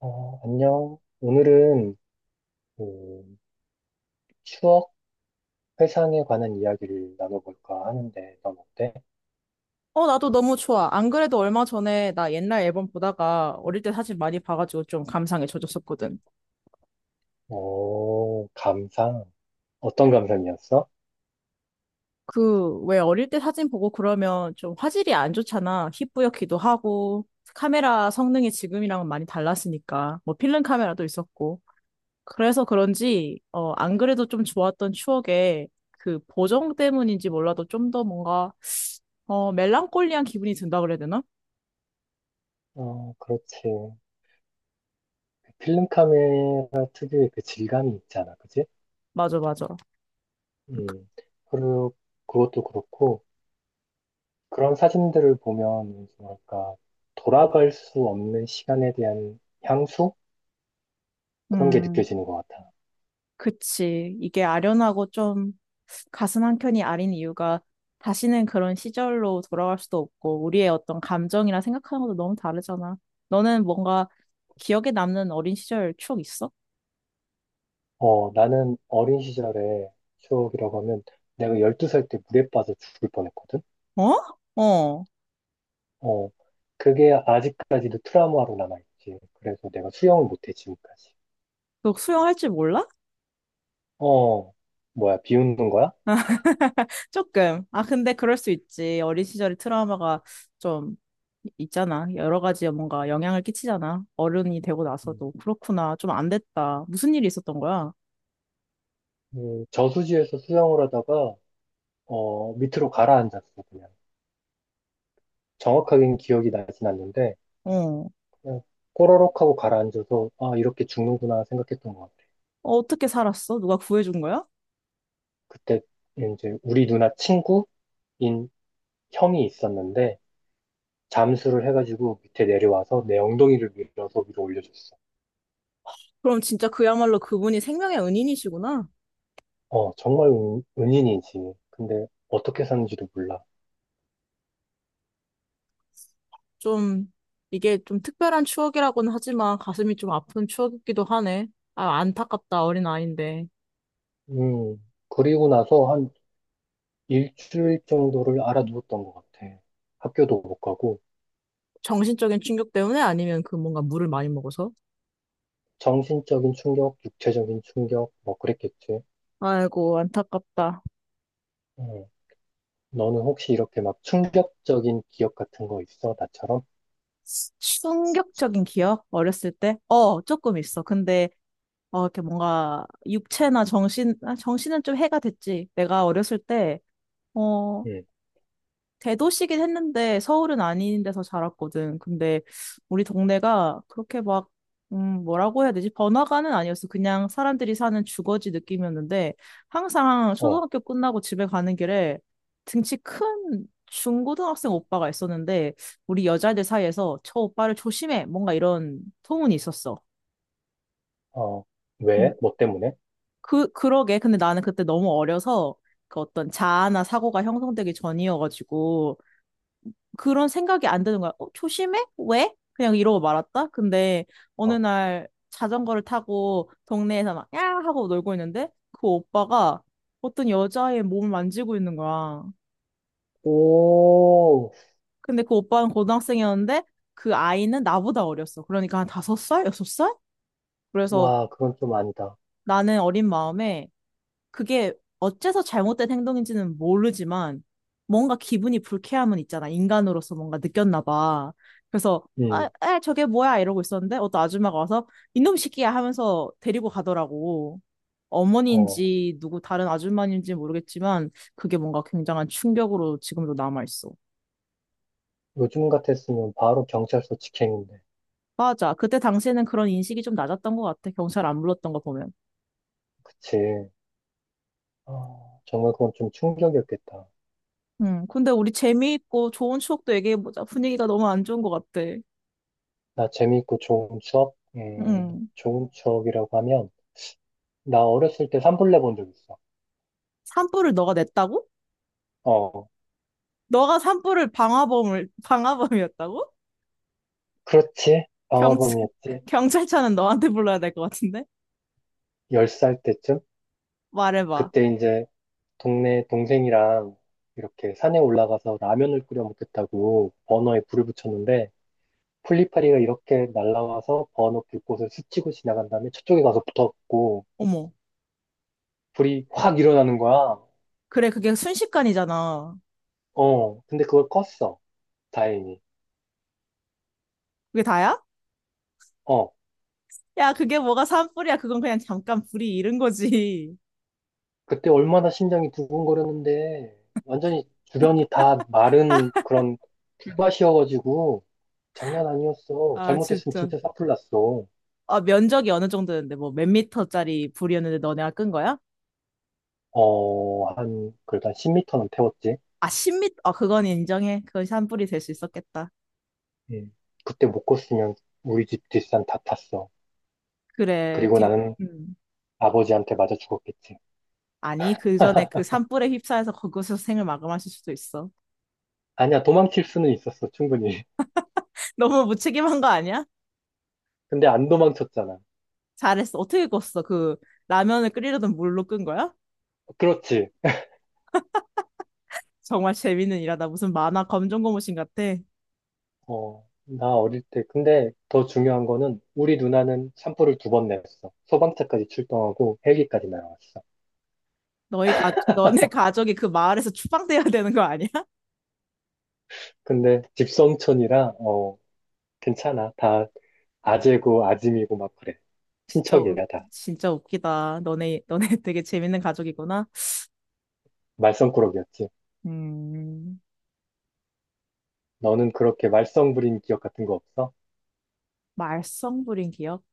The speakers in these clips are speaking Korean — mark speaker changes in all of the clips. Speaker 1: 어, 안녕. 오늘은 그 추억 회상에 관한 이야기를 나눠볼까 하는데, 넌 어때?
Speaker 2: 어, 나도 너무 좋아. 안 그래도 얼마 전에 나 옛날 앨범 보다가 어릴 때 사진 많이 봐가지고 좀 감상에 젖었었거든.
Speaker 1: 오, 감상. 어떤 감상이었어?
Speaker 2: 그, 왜 어릴 때 사진 보고 그러면 좀 화질이 안 좋잖아. 희뿌옇기도 하고, 카메라 성능이 지금이랑은 많이 달랐으니까. 뭐 필름 카메라도 있었고. 그래서 그런지, 어, 안 그래도 좀 좋았던 추억에 그 보정 때문인지 몰라도 좀 더 뭔가, 어, 멜랑콜리한 기분이 든다 그래야 되나?
Speaker 1: 어, 그렇지. 그 필름 카메라 특유의 그 질감이 있잖아, 그지?
Speaker 2: 맞아, 맞아.
Speaker 1: 음, 그리고 그것도 그렇고, 그런 사진들을 보면, 뭐랄까, 돌아갈 수 없는 시간에 대한 향수? 그런 게
Speaker 2: 음.
Speaker 1: 느껴지는 것 같아.
Speaker 2: 그치. 이게 아련하고 좀 가슴 한켠이 아린 이유가 다시는 그런 시절로 돌아갈 수도 없고 우리의 어떤 감정이나 생각하는 것도 너무 다르잖아. 너는 뭔가 기억에 남는 어린 시절 추억 있어?
Speaker 1: 어, 나는 어린 시절의 추억이라고 하면 내가 12살 때 물에 빠져 죽을 뻔했거든?
Speaker 2: 어? 어.
Speaker 1: 어, 그게 아직까지도 트라우마로 남아있지. 그래서 내가 수영을 못해, 지금까지.
Speaker 2: 너 수영할 줄 몰라?
Speaker 1: 어, 뭐야, 비웃는 거야?
Speaker 2: 조금. 아, 근데 그럴 수 있지. 어린 시절의 트라우마가 좀 있잖아. 여러 가지 뭔가 영향을 끼치잖아. 어른이 되고
Speaker 1: 음.
Speaker 2: 나서도. 그렇구나. 좀 안 됐다. 무슨 일이 있었던 거야?
Speaker 1: 그 저수지에서 수영을 하다가, 어, 밑으로 가라앉았어, 그냥. 정확하게는 기억이 나진 않는데,
Speaker 2: 어.
Speaker 1: 그냥 꼬르륵 하고 가라앉아서, 아, 이렇게 죽는구나 생각했던 것 같아.
Speaker 2: 어, 어떻게 살았어? 누가 구해준 거야?
Speaker 1: 그때 이제 우리 누나 친구인 형이 있었는데, 잠수를 해가지고 밑에 내려와서 내 엉덩이를 밀어서 위로 올려줬어.
Speaker 2: 그럼 진짜 그야말로 그분이 생명의 은인이시구나.
Speaker 1: 어, 정말 은인이지. 근데 어떻게 사는지도 몰라.
Speaker 2: 좀, 이게 좀 특별한 추억이라고는 하지만 가슴이 좀 아픈 추억이기도 하네. 아, 안타깝다, 어린 아이인데.
Speaker 1: 음, 그리고 나서 한 일주일 정도를 알아누웠던 것 같아. 학교도 못 가고,
Speaker 2: 정신적인 충격 때문에 아니면 그 뭔가 물을 많이 먹어서?
Speaker 1: 정신적인 충격, 육체적인 충격, 뭐 그랬겠지.
Speaker 2: 아이고, 안타깝다.
Speaker 1: 음, 너는 혹시 이렇게 막 충격적인 기억 같은 거 있어? 나처럼?
Speaker 2: 충격적인 기억? 어렸을 때? 어, 조금 있어. 근데, 어, 이렇게 뭔가, 육체나 정신, 아, 정신은 좀 해가 됐지. 내가 어렸을 때, 어,
Speaker 1: 음,
Speaker 2: 대도시긴 했는데 서울은 아닌 데서 자랐거든. 근데 우리 동네가 그렇게 막, 뭐라고 해야 되지? 번화가는 아니었어. 그냥 사람들이 사는 주거지 느낌이었는데 항상
Speaker 1: 어,
Speaker 2: 초등학교 끝나고 집에 가는 길에 등치 큰 중고등학생 오빠가 있었는데 우리 여자애들 사이에서 저 오빠를 조심해! 뭔가 이런 소문이 있었어.
Speaker 1: 어,
Speaker 2: 근-
Speaker 1: 왜? 뭐 때문에?
Speaker 2: 그, 그러게. 근데 나는 그때 너무 어려서 그 어떤 자아나 사고가 형성되기 전이어가지고 그런 생각이 안 드는 거야. 어, 조심해? 왜? 그냥 이러고 말았다. 근데 어느
Speaker 1: 어,
Speaker 2: 날 자전거를 타고 동네에서 막, 야! 하고 놀고 있는데 그 오빠가 어떤 여자의 몸을 만지고 있는 거야.
Speaker 1: 오,
Speaker 2: 근데 그 오빠는 고등학생이었는데 그 아이는 나보다 어렸어. 그러니까 한 다섯 살? 여섯 살? 그래서
Speaker 1: 와, 그건 좀 아니다.
Speaker 2: 나는 어린 마음에 그게 어째서 잘못된 행동인지는 모르지만 뭔가 기분이 불쾌함은 있잖아. 인간으로서 뭔가 느꼈나 봐. 그래서 아,
Speaker 1: 음.
Speaker 2: 에, 저게 뭐야 이러고 있었는데 어떤 아줌마가 와서 이놈 시끼야 하면서 데리고 가더라고.
Speaker 1: 어,
Speaker 2: 어머니인지 누구 다른 아줌마인지 모르겠지만 그게 뭔가 굉장한 충격으로 지금도 남아있어.
Speaker 1: 요즘 같았으면 바로 경찰서 직행인데.
Speaker 2: 맞아. 그때 당시에는 그런 인식이 좀 낮았던 것 같아. 경찰 안 불렀던 거 보면.
Speaker 1: 그치. 아, 정말 그건 좀 충격이었겠다.
Speaker 2: 근데 우리 재미있고 좋은 추억도 얘기해보자. 분위기가 너무 안 좋은 것 같아.
Speaker 1: 나 재미있고 좋은 추억?
Speaker 2: 음.
Speaker 1: 좋은 추억이라고 하면, 나 어렸을 때 산불 내본 적 있어.
Speaker 2: 산불을 너가 냈다고?
Speaker 1: 어,
Speaker 2: 너가 산불을 방화범을 방화범이었다고?
Speaker 1: 그렇지.
Speaker 2: 경찰
Speaker 1: 방화범이었지.
Speaker 2: 경찰차는 너한테 불러야 될 것 같은데?
Speaker 1: 10살 때쯤?
Speaker 2: 말해봐.
Speaker 1: 그때 이제 동네 동생이랑 이렇게 산에 올라가서 라면을 끓여 먹겠다고 버너에 불을 붙였는데, 풀리파리가 이렇게 날아와서 버너 불꽃을 스치고 지나간 다음에 저쪽에 가서 붙었고,
Speaker 2: 어머.
Speaker 1: 불이 확 일어나는 거야.
Speaker 2: 그래, 그게 순식간이잖아.
Speaker 1: 어, 근데 그걸 껐어. 다행히.
Speaker 2: 그게 다야?
Speaker 1: 어,
Speaker 2: 야, 그게 뭐가 산불이야? 그건 그냥 잠깐 불이 이른 거지.
Speaker 1: 그때 얼마나 심장이 두근거렸는데, 완전히 주변이 다 마른 그런 풀밭이어가지고, 장난 아니었어.
Speaker 2: 아,
Speaker 1: 잘못했으면
Speaker 2: 진짜.
Speaker 1: 진짜 사풀 났어.
Speaker 2: 아, 면적이 어느 정도였는데, 뭐, 몇 미터짜리 불이었는데 너네가 끈 거야?
Speaker 1: 어, 그래도 한 10미터는 태웠지.
Speaker 2: 아, 10미터? 아, 그건 인정해. 그건 산불이 될 수 있었겠다.
Speaker 1: 음. 그때 못 껐으면 우리 집 뒷산 다 탔어.
Speaker 2: 그래,
Speaker 1: 그리고
Speaker 2: 뒤,
Speaker 1: 나는
Speaker 2: 음.
Speaker 1: 아버지한테 맞아 죽었겠지.
Speaker 2: 아니, 그 전에 그 산불에 휩싸여서 거기서 생을 마감하실 수도 있어.
Speaker 1: 아니야, 도망칠 수는 있었어, 충분히.
Speaker 2: 너무 무책임한 거 아니야?
Speaker 1: 근데 안 도망쳤잖아.
Speaker 2: 잘했어. 어떻게 껐어? 그 라면을 끓이려던 물로 끈 거야?
Speaker 1: 그렇지.
Speaker 2: 정말 재밌는 일하다. 무슨 만화 검정고무신 같아.
Speaker 1: 어, 나 어릴 때, 근데 더 중요한 거는 우리 누나는 샴푸를 2번 냈어. 소방차까지 출동하고 헬기까지 날아왔어.
Speaker 2: 너네 가족이 그 마을에서 추방돼야 되는 거 아니야?
Speaker 1: 근데 집성촌이라, 어, 괜찮아. 다 아재고 아짐이고 막 그래.
Speaker 2: 진짜, 웃-
Speaker 1: 친척이야, 다.
Speaker 2: 진짜 웃기다. 너네 되게 재밌는 가족이구나.
Speaker 1: 말썽꾸러기였지.
Speaker 2: 음,
Speaker 1: 너는 그렇게 말썽 부린 기억 같은 거 없어?
Speaker 2: 말썽 부린 기억?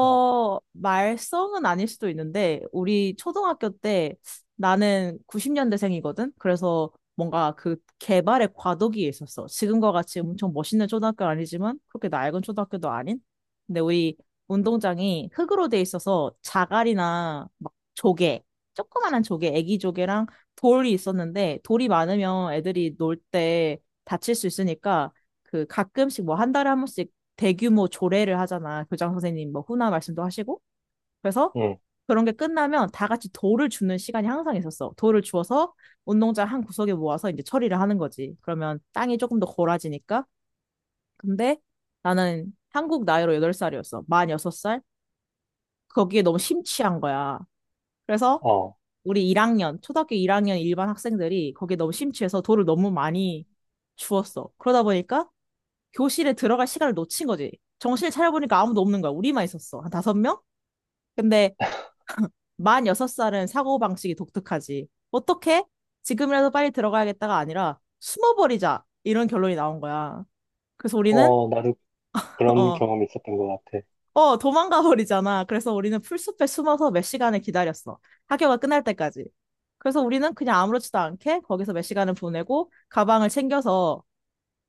Speaker 1: 어,
Speaker 2: 말썽은 아닐 수도 있는데, 우리 초등학교 때 나는 90년대생이거든? 그래서 뭔가 그 개발의 과도기에 있었어. 지금과 같이 엄청 멋있는 초등학교는 아니지만, 그렇게 낡은 초등학교도 아닌? 근데 우리 운동장이 흙으로 돼 있어서 자갈이나 막 조개, 조그만한 조개, 애기 조개랑 돌이 있었는데, 돌이 많으면 애들이 놀 때 다칠 수 있으니까, 그 가끔씩 뭐 한 달에 한 번씩 대규모 조례를 하잖아. 교장 선생님 뭐 훈화 말씀도 하시고. 그래서
Speaker 1: 응,
Speaker 2: 그런 게 끝나면 다 같이 돌을 주는 시간이 항상 있었어. 돌을 주어서 운동장 한 구석에 모아서 이제 처리를 하는 거지. 그러면 땅이 조금 더 골아지니까. 근데 나는 한국 나이로 8살이었어. 만 6살. 거기에 너무 심취한 거야. 그래서
Speaker 1: 어,
Speaker 2: 우리 1학년, 초등학교 1학년 일반 학생들이 거기에 너무 심취해서 돌을 너무 많이 주웠어. 그러다 보니까 교실에 들어갈 시간을 놓친 거지. 정신을 차려보니까 아무도 없는 거야. 우리만 있었어. 한 다섯 명? 근데 만 여섯 살은 사고방식이 독특하지. 어떻게? 지금이라도 빨리 들어가야겠다가 아니라 숨어버리자. 이런 결론이 나온 거야. 그래서 우리는,
Speaker 1: 어, 나도 그런
Speaker 2: 어,
Speaker 1: 경험이 있었던 것 같아.
Speaker 2: 도망가 버리잖아. 그래서 우리는 풀숲에 숨어서 몇 시간을 기다렸어. 학교가 끝날 때까지. 그래서 우리는 그냥 아무렇지도 않게 거기서 몇 시간을 보내고 가방을 챙겨서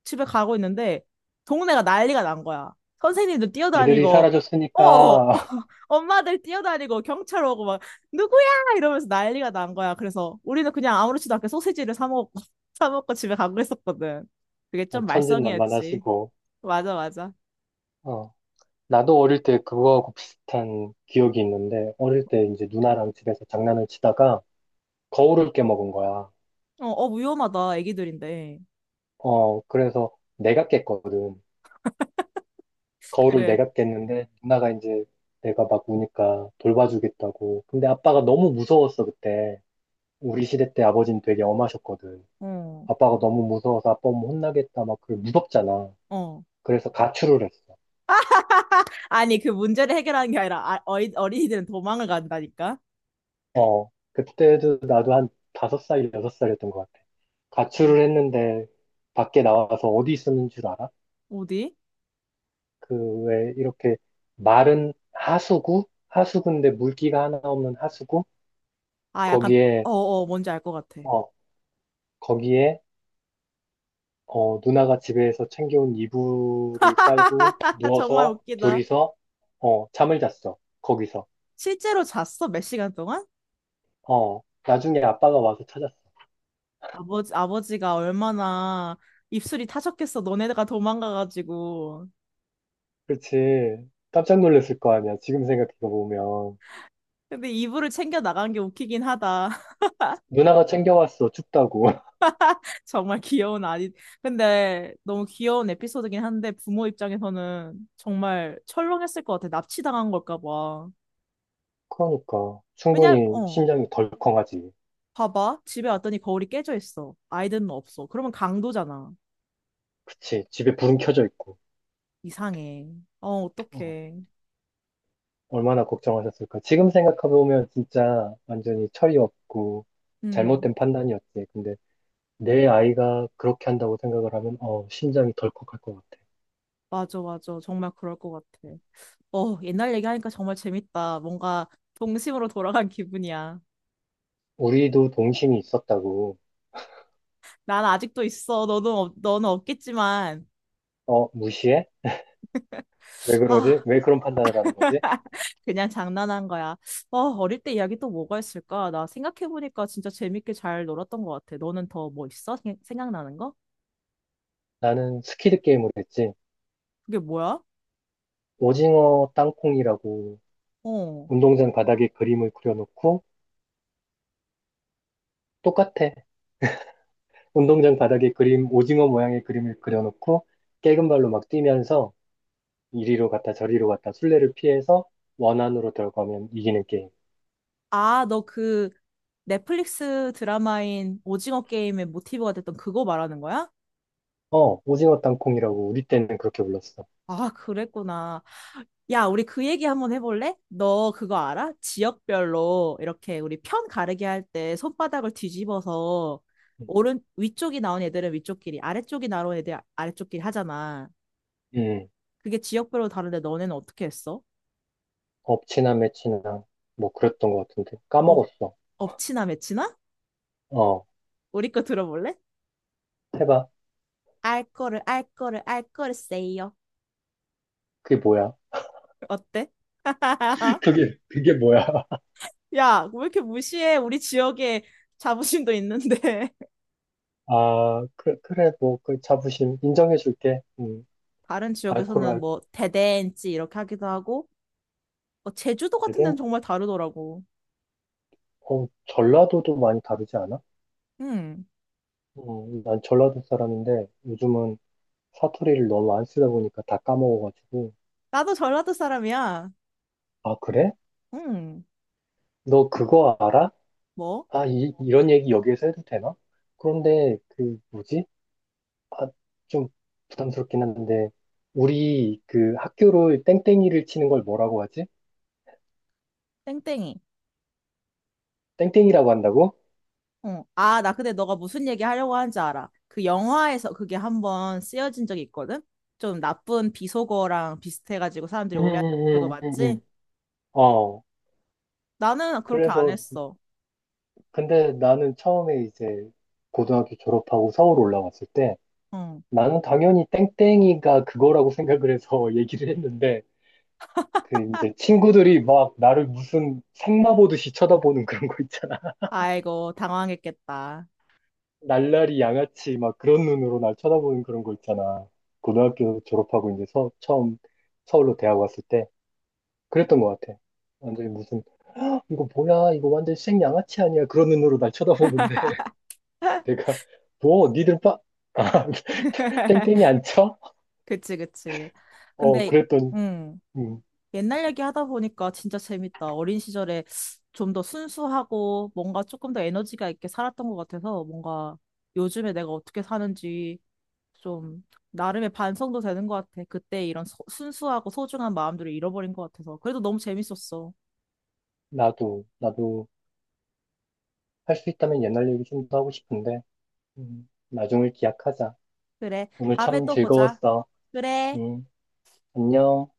Speaker 2: 집에 가고 있는데 동네가 난리가 난 거야. 선생님들
Speaker 1: 애들이
Speaker 2: 뛰어다니고, 어,
Speaker 1: 사라졌으니까.
Speaker 2: 엄마들 뛰어다니고 경찰 오고 막 누구야 이러면서 난리가 난 거야. 그래서 우리는 그냥 아무렇지도 않게 소시지를 사 먹고 사 먹고 집에 가고 있었거든. 그게 좀 말썽이었지.
Speaker 1: 천진난만하시고,
Speaker 2: 맞아, 맞아.
Speaker 1: 어. 나도 어릴 때 그거하고 비슷한 기억이 있는데, 어릴 때 이제 누나랑 집에서 장난을 치다가 거울을 깨먹은 거야.
Speaker 2: 어, 어 위험하다. 애기들인데.
Speaker 1: 어, 그래서 내가 깼거든. 거울을
Speaker 2: 그래.
Speaker 1: 내가 깼는데, 누나가 이제 내가 막 우니까 돌봐주겠다고. 근데 아빠가 너무 무서웠어, 그때. 우리 시대 때 아버지는 되게 엄하셨거든.
Speaker 2: 어,
Speaker 1: 아빠가 너무 무서워서 아빠 오면 혼나겠다, 막, 그 무섭잖아.
Speaker 2: 어.
Speaker 1: 그래서 가출을 했어.
Speaker 2: 아니 그 문제를 해결하는 게 아니라 어린이들은 도망을 간다니까.
Speaker 1: 어, 그때도 나도 한 5살, 여섯 살이었던 것 같아.
Speaker 2: 음.
Speaker 1: 가출을 했는데 밖에 나와서 어디 있었는 줄 알아?
Speaker 2: 어디?
Speaker 1: 그 왜 이렇게 마른 하수구? 하수구인데 물기가 하나 없는 하수구?
Speaker 2: 아 약간
Speaker 1: 거기에,
Speaker 2: 어어 뭔지 알 것 같아.
Speaker 1: 어, 거기에 누나가 집에서 챙겨온 이불을 깔고
Speaker 2: 정말
Speaker 1: 누워서
Speaker 2: 웃기다.
Speaker 1: 둘이서, 어, 잠을 잤어. 거기서.
Speaker 2: 실제로 잤어? 몇 시간 동안?
Speaker 1: 어, 나중에 아빠가 와서 찾았어.
Speaker 2: 아버지가 얼마나 입술이 타셨겠어. 너네가 도망가가지고.
Speaker 1: 그렇지. 깜짝 놀랐을 거 아니야. 지금 생각해 보면.
Speaker 2: 근데 이불을 챙겨 나간 게 웃기긴 하다.
Speaker 1: 누나가 챙겨왔어, 춥다고.
Speaker 2: 정말 귀여운 아이. 근데 너무 귀여운 에피소드긴 한데 부모 입장에서는 정말 철렁했을 것 같아. 납치당한 걸까 봐.
Speaker 1: 그러니까,
Speaker 2: 왜냐,
Speaker 1: 충분히
Speaker 2: 어,
Speaker 1: 심장이 덜컹하지.
Speaker 2: 봐봐. 집에 왔더니 거울이 깨져 있어. 아이들은 없어. 그러면 강도잖아.
Speaker 1: 그치, 집에 불은 켜져 있고.
Speaker 2: 이상해. 어,
Speaker 1: 어,
Speaker 2: 어떡해.
Speaker 1: 얼마나 걱정하셨을까. 지금 생각해보면 진짜 완전히 철이 없고,
Speaker 2: 음.
Speaker 1: 잘못된 판단이었지. 근데 내 아이가 그렇게 한다고 생각을 하면, 어, 심장이 덜컥할 것 같아.
Speaker 2: 맞아, 맞아. 정말 그럴 것 같아. 어, 옛날 얘기하니까 정말 재밌다. 뭔가 동심으로 돌아간 기분이야.
Speaker 1: 우리도 동심이 있었다고.
Speaker 2: 난 아직도 있어. 너는 없겠지만.
Speaker 1: 어, 무시해? 왜 그러지?
Speaker 2: 아,
Speaker 1: 왜 그런 판단을 하는 거지?
Speaker 2: 그냥 장난한 거야. 어, 어릴 때 이야기 또 뭐가 있을까? 나 생각해보니까 진짜 재밌게 잘 놀았던 것 같아. 너는 더 뭐 있어? 생각나는 거?
Speaker 1: 나는 스키드 게임을 했지.
Speaker 2: 그게 뭐야?
Speaker 1: 오징어 땅콩이라고
Speaker 2: 어.
Speaker 1: 운동장 바닥에 그림을 그려놓고 똑같아. 운동장 바닥에 그림, 오징어 모양의 그림을 그려놓고 깨금 발로 막 뛰면서 이리로 갔다 저리로 갔다 술래를 피해서 원 안으로 들어가면 이기는 게임.
Speaker 2: 아, 너 그 넷플릭스 드라마인 오징어 게임의 모티브가 됐던 그거 말하는 거야?
Speaker 1: 어, 오징어 땅콩이라고 우리 때는 그렇게 불렀어.
Speaker 2: 아, 그랬구나. 야, 우리 그 얘기 한번 해볼래? 너 그거 알아? 지역별로 이렇게 우리 편 가르기 할 때 손바닥을 뒤집어서
Speaker 1: 음.
Speaker 2: 오른 위쪽이 나온 애들은 위쪽끼리, 아래쪽이 나온 애들 아래쪽끼리 하잖아.
Speaker 1: 음,
Speaker 2: 그게 지역별로 다른데 너네는 어떻게 했어?
Speaker 1: 엎치나 매치나 뭐
Speaker 2: 어,
Speaker 1: 그랬던 것 같은데
Speaker 2: 업,
Speaker 1: 까먹었어.
Speaker 2: 업치나 매치나?
Speaker 1: 어,
Speaker 2: 우리 거 들어볼래?
Speaker 1: 해봐.
Speaker 2: 알 거를 알 거를 알 거를 세요.
Speaker 1: 그게 뭐야?
Speaker 2: 어때?
Speaker 1: 그게 뭐야?
Speaker 2: 야, 왜 이렇게 무시해? 우리 지역에 자부심도 있는데.
Speaker 1: 아, 그래, 그래, 뭐 그 자부심 인정해줄게.
Speaker 2: 다른 지역에서는
Speaker 1: 알코올
Speaker 2: 뭐 대댄지 이렇게 하기도 하고 어, 제주도 같은 데는
Speaker 1: 알코올은
Speaker 2: 정말 다르더라고.
Speaker 1: 어, 전라도도 많이 다르지 않아?
Speaker 2: 응,
Speaker 1: 난 전라도 사람인데 요즘은 사투리를 너무 안 쓰다 보니까 다 까먹어가지고,
Speaker 2: 나도 전라도 사람이야.
Speaker 1: 아, 그래?
Speaker 2: 응,
Speaker 1: 너 그거 알아?
Speaker 2: 뭐?
Speaker 1: 아, 이런 얘기 여기에서 해도 되나? 그런데, 그, 뭐지? 아, 좀 부담스럽긴 한데, 우리 그 학교로 땡땡이를 치는 걸 뭐라고 하지?
Speaker 2: 땡땡이.
Speaker 1: 땡땡이라고 한다고?
Speaker 2: 어, 아, 나 근데 너가 무슨 얘기 하려고 하는지 알아. 그 영화에서 그게 한번 쓰여진 적이 있거든? 좀 나쁜 비속어랑 비슷해가지고 사람들이
Speaker 1: 음,
Speaker 2: 오해하는 그거
Speaker 1: 음, 음, 음, 음.
Speaker 2: 맞지?
Speaker 1: 어,
Speaker 2: 나는 그렇게 안
Speaker 1: 그래서,
Speaker 2: 했어.
Speaker 1: 근데 나는 처음에 이제 고등학교 졸업하고 서울 올라왔을 때,
Speaker 2: 응.
Speaker 1: 나는 당연히 땡땡이가 그거라고 생각을 해서 얘기를 했는데, 그 이제 친구들이 막 나를 무슨 생마 보듯이 쳐다보는 그런 거 있잖아.
Speaker 2: 아이고, 당황했겠다.
Speaker 1: 날라리 양아치 막 그런 눈으로 날 쳐다보는 그런 거 있잖아. 고등학교 졸업하고 이제 처음 서울로 대학 왔을 때 그랬던 것 같아. 완전히 무슨 "헉, 이거 뭐야 이거 완전 생 양아치 아니야 그런 눈으로 날 쳐다보는데 내가 뭐 니들 빠 아, 땡땡이 안 쳐?
Speaker 2: 그치, 그치.
Speaker 1: 어
Speaker 2: 근데
Speaker 1: 그랬던
Speaker 2: 응.
Speaker 1: 음,
Speaker 2: 옛날 얘기 하다 보니까 진짜 재밌다. 어린 시절에 좀 더 순수하고 뭔가 조금 더 에너지가 있게 살았던 것 같아서 뭔가 요즘에 내가 어떻게 사는지 좀 나름의 반성도 되는 것 같아. 그때 이런 순수하고 소중한 마음들을 잃어버린 것 같아서. 그래도 너무 재밌었어.
Speaker 1: 나도 할 수 있다면 옛날 얘기 좀 더 하고 싶은데 나중을 기약하자.
Speaker 2: 그래.
Speaker 1: 오늘
Speaker 2: 다음에
Speaker 1: 참
Speaker 2: 또 보자.
Speaker 1: 즐거웠어.
Speaker 2: 그래.
Speaker 1: 응, 안녕.